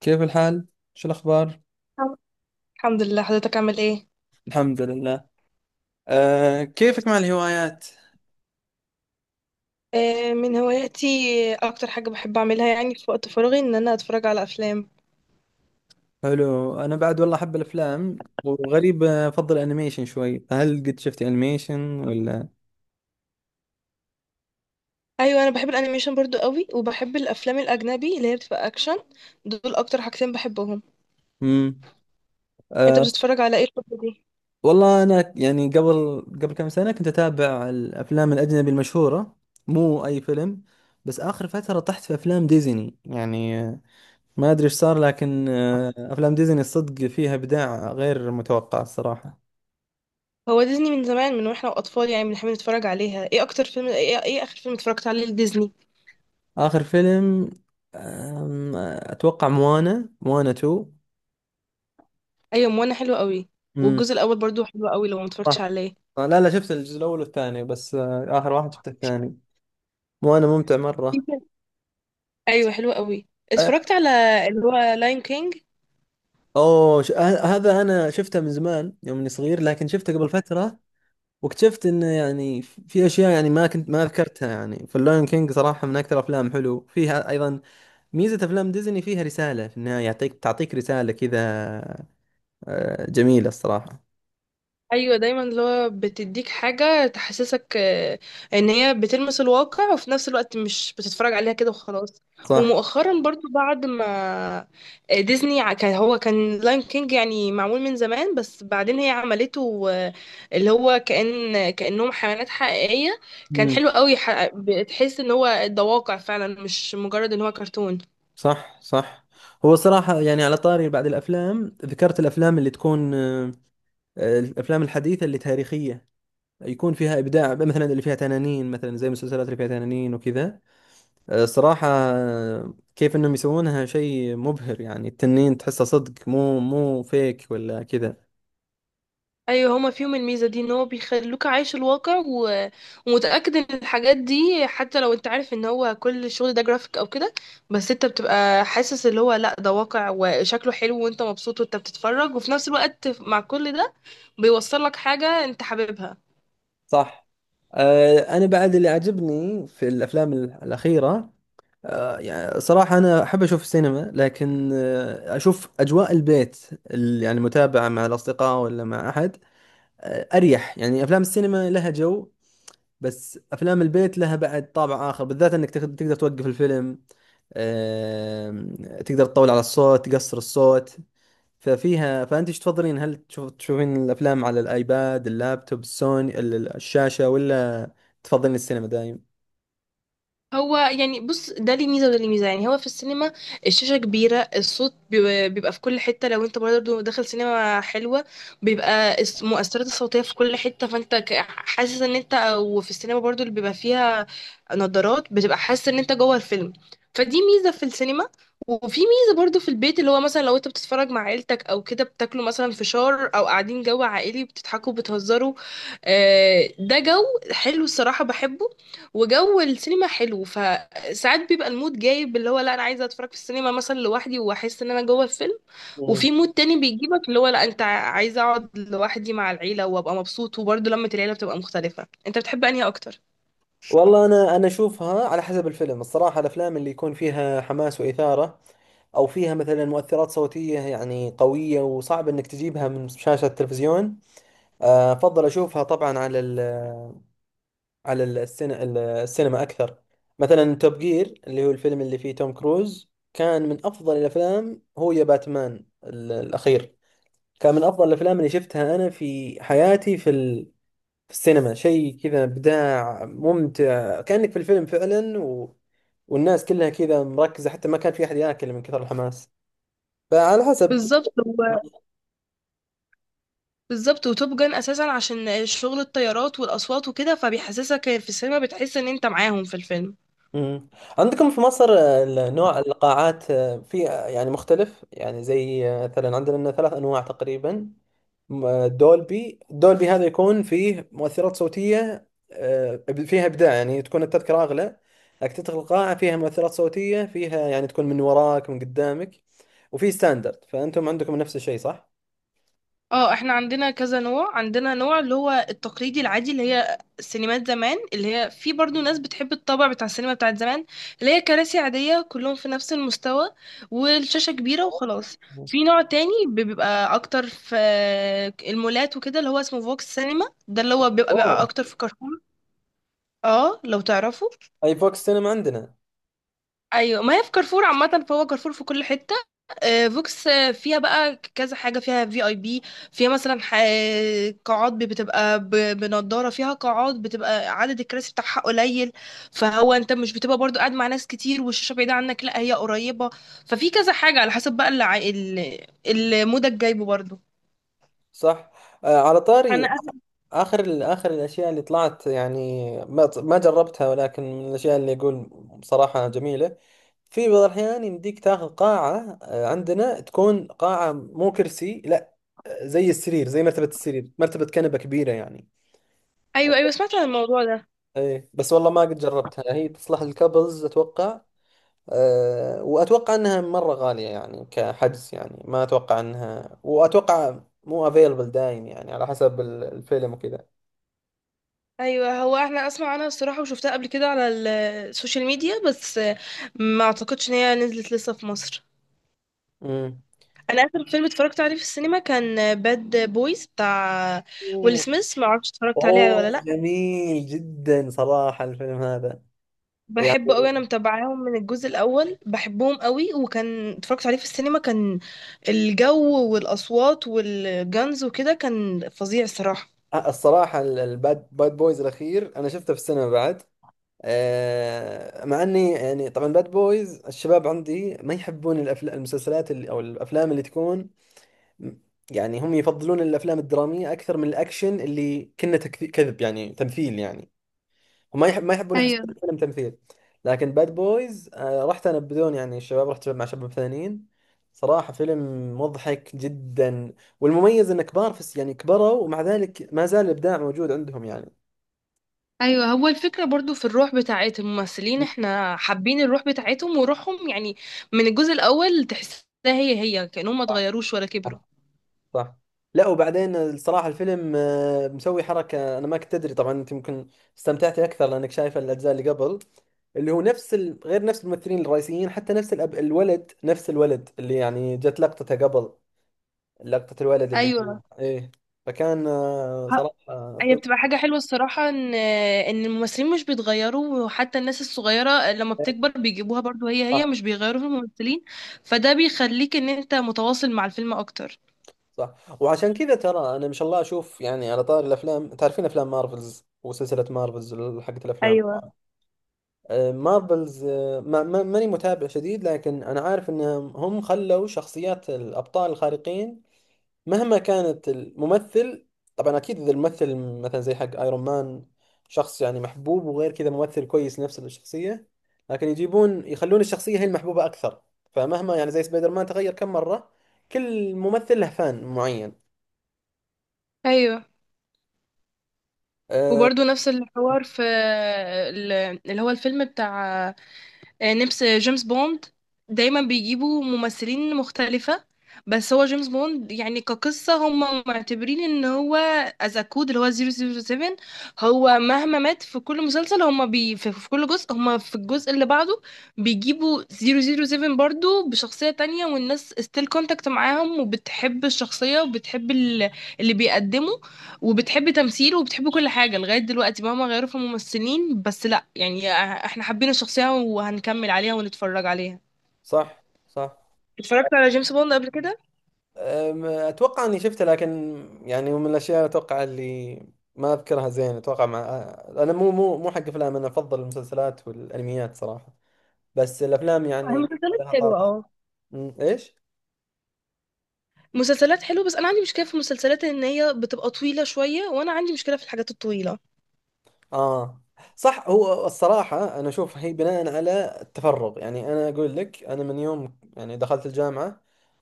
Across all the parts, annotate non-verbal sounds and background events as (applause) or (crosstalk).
كيف الحال؟ شو الأخبار؟ الحمد لله، حضرتك عامل ايه؟ الحمد لله. كيفك مع الهوايات؟ آه، من هواياتي. اكتر حاجه بحب اعملها يعني في وقت فراغي ان انا اتفرج على افلام. حلو، أنا بعد والله أحب الأفلام، وغريب، أفضل أنيميشن شوي، فهل قد شفت أنيميشن ولا؟ ايوه، انا بحب الانيميشن برضو قوي، وبحب الافلام الاجنبي اللي هي بتبقى اكشن. دول اكتر حاجتين بحبهم. مم. انت أه بتتفرج على ايه الفتره دي؟ والله أنا يعني قبل كم سنة كنت أتابع الأفلام الأجنبي المشهورة، مو أي فيلم. بس آخر فترة طحت في أفلام ديزني يعني، ما أدري إيش صار، لكن أفلام ديزني الصدق فيها إبداع غير متوقع الصراحة. هو ديزني من زمان من واحنا اطفال، يعني بنحب نتفرج عليها. ايه اكتر فيلم ايه, إيه اخر فيلم اتفرجت عليه لديزني؟ آخر فيلم؟ أتوقع موانا موانا 2. ايوه، موانا حلو قوي. امم والجزء الاول برضو حلو قوي لو ما اتفرجتش صح، عليه (laughs) لا لا، شفت الجزء الأول والثاني، بس آخر واحد شفته الثاني. موانا ممتع في مرة. فيلم- ايوه، حلو قوي. آه، اتفرجت على اللي هو لاين كينج. أوه ش... آه، هذا أنا شفته من زمان يوم إني صغير، لكن شفته قبل فترة، واكتشفت إنه يعني في أشياء يعني ما كنت ما ذكرتها يعني، فاللون كينج صراحة من أكثر أفلام حلو فيها. أيضا ميزة أفلام ديزني فيها رسالة في النهاية، تعطيك رسالة كذا. جميلة الصراحة. ايوه، دايما اللي هو بتديك حاجه تحسسك، ان هي بتلمس الواقع، وفي نفس الوقت مش بتتفرج عليها كده وخلاص. صح ومؤخرا برضو بعد ما ديزني كان لاين كينج يعني معمول من زمان، بس بعدين هي عملته، اللي هو كأنهم حيوانات حقيقيه. كان حلو قوي، بتحس ان هو ده واقع فعلا، مش مجرد ان هو كرتون. صح صح. هو صراحة يعني على طاري بعد الأفلام، ذكرت الأفلام اللي تكون الأفلام الحديثة اللي تاريخية، يكون فيها إبداع، مثلا اللي فيها تنانين، مثلا زي المسلسلات اللي فيها تنانين وكذا. صراحة، كيف إنهم يسوونها شيء مبهر! يعني التنين تحسه صدق، مو فيك ولا كذا. ايوه، هما فيهم الميزه دي، ان هو بيخلوك عايش الواقع ومتاكد ان الحاجات دي، حتى لو انت عارف ان هو كل الشغل ده جرافيك او كده، بس انت بتبقى حاسس اللي هو لا ده واقع، وشكله حلو، وانت مبسوط وانت بتتفرج، وفي نفس الوقت مع كل ده بيوصل لك حاجه انت حاببها. صح. أنا بعد اللي عجبني في الأفلام الأخيرة، يعني صراحة أنا أحب أشوف السينما، لكن أشوف أجواء البيت، يعني متابعة مع الأصدقاء ولا مع أحد أريح. يعني أفلام السينما لها جو، بس أفلام البيت لها بعد طابع آخر، بالذات أنك تقدر توقف الفيلم، آم، تقدر تطول على الصوت، تقصر الصوت. ففيها، فأنت إيش تفضلين؟ هل تشوفين الأفلام على الآيباد، اللابتوب، السوني، الشاشة، ولا تفضلين السينما دايم؟ هو يعني بص، ده ليه ميزه وده ليه ميزه. يعني هو في السينما الشاشه كبيره، الصوت بيبقى في كل حته، لو انت برضه داخل سينما حلوه بيبقى المؤثرات الصوتيه في كل حته، فانت حاسس ان انت، وفي السينما برضه اللي بيبقى فيها نظارات بتبقى حاسس ان انت جوه الفيلم. فدي ميزه في السينما. وفي ميزه برضه في البيت، اللي هو مثلا لو انت بتتفرج مع عيلتك او كده، بتاكلوا مثلا فشار او قاعدين جو عائلي، بتضحكوا بتهزروا. ده جو حلو الصراحه، بحبه. وجو السينما حلو، فساعات بيبقى المود جايب اللي هو لا انا عايزه اتفرج في السينما مثلا لوحدي واحس ان انا جوه الفيلم، وفي مود تاني بيجيبك اللي هو لا انت عايزه اقعد لوحدي مع العيله وابقى مبسوط، وبرضه لمة العيله بتبقى مختلفه. انت بتحب انهي اكتر؟ والله انا اشوفها على حسب الفيلم الصراحه. الافلام اللي يكون فيها حماس واثاره، او فيها مثلا مؤثرات صوتيه يعني قويه وصعب انك تجيبها من شاشه التلفزيون، افضل اشوفها طبعا على السينما اكثر. مثلا توب جير، اللي هو الفيلم اللي فيه توم كروز، كان من افضل الافلام. هو يا باتمان الاخير كان من افضل الافلام اللي شفتها انا في حياتي في السينما. شيء كذا إبداع ممتع، كأنك في الفيلم فعلا. والناس كلها كذا مركزة، حتى ما كان في أحد ياكل من كثر الحماس. فعلى حسب. بالظبط هو- بالظبط، وتوب جان اساسا عشان شغل الطيارات والاصوات وكده، فبيحسسك في السينما بتحس ان انت معاهم في الفيلم. مم. عندكم في مصر نوع القاعات في، يعني مختلف؟ يعني زي، مثلا عندنا ثلاث أنواع تقريبا. دولبي، هذا يكون فيه مؤثرات صوتية، فيها إبداع، يعني تكون التذكرة أغلى، لكن تدخل القاعة فيها مؤثرات صوتية فيها، يعني تكون من وراك من قدامك. وفي ستاندرد، فأنتم عندكم نفس الشيء صح؟ اه، احنا عندنا كذا نوع. عندنا نوع اللي هو التقليدي العادي، اللي هي سينمات زمان، اللي هي في برضو ناس بتحب الطابع بتاع السينما بتاعت زمان، اللي هي كراسي عادية كلهم في نفس المستوى والشاشة كبيرة آه. وخلاص. في نوع تاني بيبقى اكتر في المولات وكده، اللي هو اسمه فوكس سينما، ده اللي هو بيبقى اوه، اكتر في كارفور. اه لو تعرفوا. اي فوكس سينما عندنا. ايوه، ما هي في كارفور عامه، فهو كارفور في كل حته. فوكس فيها بقى كذا حاجه، فيها في اي بي، فيها مثلا قاعات بتبقى بنضاره، فيها قاعات بتبقى عدد الكراسي بتاعها قليل، فهو انت مش بتبقى برضو قاعد مع ناس كتير والشاشه بعيده عنك، لا هي قريبه. ففي كذا حاجه على حسب بقى اللي المودك جايبه برضو. صح. آه، على طاري انا أ- آخر الأشياء اللي طلعت، يعني ما جربتها، ولكن من الأشياء اللي أقول بصراحة جميلة. في بعض الأحيان يمديك تاخذ قاعة، عندنا، تكون قاعة مو كرسي، لا، زي السرير، زي مرتبة السرير، مرتبة كنبة كبيرة يعني. ايوه، ايوه، سمعت عن الموضوع ده. إيه، بس والله ما قد جربتها. هي تصلح للكابلز أتوقع. أه، وأتوقع أنها مرة غالية يعني كحجز، يعني ما أتوقع أنها، وأتوقع مو افيلبل دايم، يعني على حسب الفيلم وكذا. ايوه، هو احنا اسمع عنها الصراحه وشفتها قبل كده على السوشيال ميديا، بس ما اعتقدش ان هي نزلت لسه في مصر. امم انا اخر فيلم اتفرجت عليه في السينما كان باد بويز بتاع ويل سميث، ما اعرفش اتفرجت عليه ولا اوه، لا. جميل جدا صراحة الفيلم هذا. بحبه يعني قوي، انا متابعاهم من الجزء الاول، بحبهم قوي. وكان اتفرجت عليه في السينما، كان الجو والاصوات والجانز وكده كان فظيع الصراحه. الصراحة باد بويز الأخير أنا شفته في السينما بعد. مع أني يعني طبعا باد بويز، الشباب عندي ما يحبون الأفلام، المسلسلات اللي، أو الأفلام اللي تكون، يعني هم يفضلون الأفلام الدرامية أكثر من الأكشن، اللي كنا كذب يعني تمثيل يعني. وما يحب ما يحبون، يحسبون الفيلم تمثيل. لكن باد بويز رحت انا بدون، يعني الشباب، رحت مع شباب ثانيين. صراحة فيلم مضحك جدا. والمميز انه كبار في يعني كبروا، ومع ذلك ما زال الابداع موجود عندهم يعني. ايوه، هو الفكره برضو في الروح بتاعت الممثلين، احنا حابين الروح بتاعتهم وروحهم، يعني من الجزء الاول تحسها هي هي، كانهم ما صح. اتغيروش ولا صح. كبروا. صح. لا، وبعدين الصراحة الفيلم، مسوي حركة. أنا ما كنت أدري، طبعا أنت يمكن استمتعتي أكثر لأنك شايفة الأجزاء اللي قبل، اللي هو نفس، غير نفس الممثلين الرئيسيين، حتى نفس، الولد، نفس الولد اللي يعني جت لقطته قبل، لقطة الولد اللي هو ايوه، ايه. فكان، صراحة هي فيلم. بتبقى حاجة حلوة الصراحة ان الممثلين مش بيتغيروا، وحتى الناس الصغيرة لما إيه، بتكبر بيجيبوها برضو هي صح هي، مش بيغيروا في الممثلين. فده بيخليك ان انت متواصل مع الفيلم اكتر. صح. وعشان كذا ترى، انا ما شاء الله اشوف يعني، على طار الافلام، تعرفين افلام مارفلز وسلسلة مارفلز حقت الافلام. ايوه، مارفلز، ماني متابع شديد، لكن انا عارف انهم هم خلوا شخصيات الابطال الخارقين مهما كانت الممثل. طبعا اكيد، اذا الممثل مثلا زي حق ايرون مان، شخص يعني محبوب وغير كذا ممثل كويس، نفس الشخصيه. لكن يخلون الشخصيه هي المحبوبه اكثر. فمهما يعني زي سبايدر مان تغير كم مره، كل ممثل له فان معين. ايوه، أه وبرضو نفس الحوار في ال- اللي هو الفيلم بتاع نفس جيمس بوند. دايما بيجيبوا ممثلين مختلفة، بس هو جيمس بوند يعني كقصة هم معتبرين ان هو از كود اللي هو 007. هو مهما مات في كل مسلسل، هم بي في في كل جزء، هم في الجزء اللي بعده بيجيبوا 007 برضو بشخصية تانية، والناس ستيل كونتاكت معاهم وبتحب الشخصية وبتحب اللي بيقدمه وبتحب تمثيل وبتحب كل حاجة. لغاية دلوقتي مهما غيروا في الممثلين، بس لا يعني احنا حابين الشخصية وهنكمل عليها ونتفرج عليها. صح صح. اتفرجت على جيمس بوند قبل كده؟ اتوقع اني شفته، لكن يعني من الاشياء اتوقع اللي ما اذكرها زين، اتوقع مع، انا مو حق افلام. انا افضل المسلسلات والانميات صراحه، بس الافلام يعني المسلسلات لها حلوة، طابع. اه، ايش؟ مسلسلات حلوة، بس انا عندي مشكلة في المسلسلات ان هي بتبقى طويلة شوية، وانا عندي مشكلة في الحاجات الطويلة. اه، صح. هو الصراحة انا اشوف هي بناء على التفرغ يعني. انا اقول لك، انا من يوم يعني دخلت الجامعة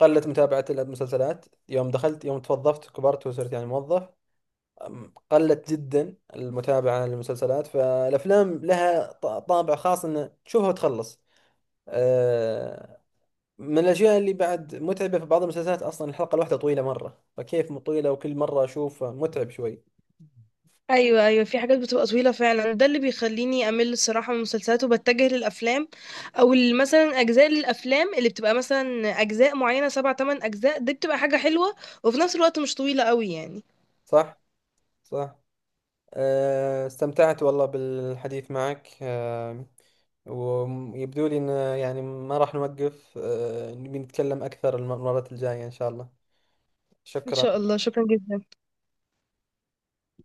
قلت متابعة المسلسلات، يوم دخلت يوم توظفت كبرت وصرت يعني موظف. قلت جدا المتابعة للمسلسلات، فالافلام لها طابع خاص، انه تشوفها وتخلص. آه من الاشياء اللي بعد متعبة في بعض المسلسلات، اصلا الحلقة الواحدة طويلة مرة، فكيف طويلة، وكل مرة اشوف متعب شوي. ايوه، ايوه، في حاجات بتبقى طويلة فعلا، ده اللي بيخليني امل الصراحة من المسلسلات وبتجه للافلام، او مثلا اجزاء للافلام اللي بتبقى مثلا اجزاء معينة سبع تمن اجزاء، دي بتبقى حاجة حلوة وفي نفس الوقت مش طويلة قوي يعني. صح؟ صح. استمتعت والله بالحديث معك. ويبدو لي إن، يعني ما راح نوقف، نبي نتكلم أكثر المرات الجاية إن شاء الله. إن شاء شكرا. الله، شكرا جدا.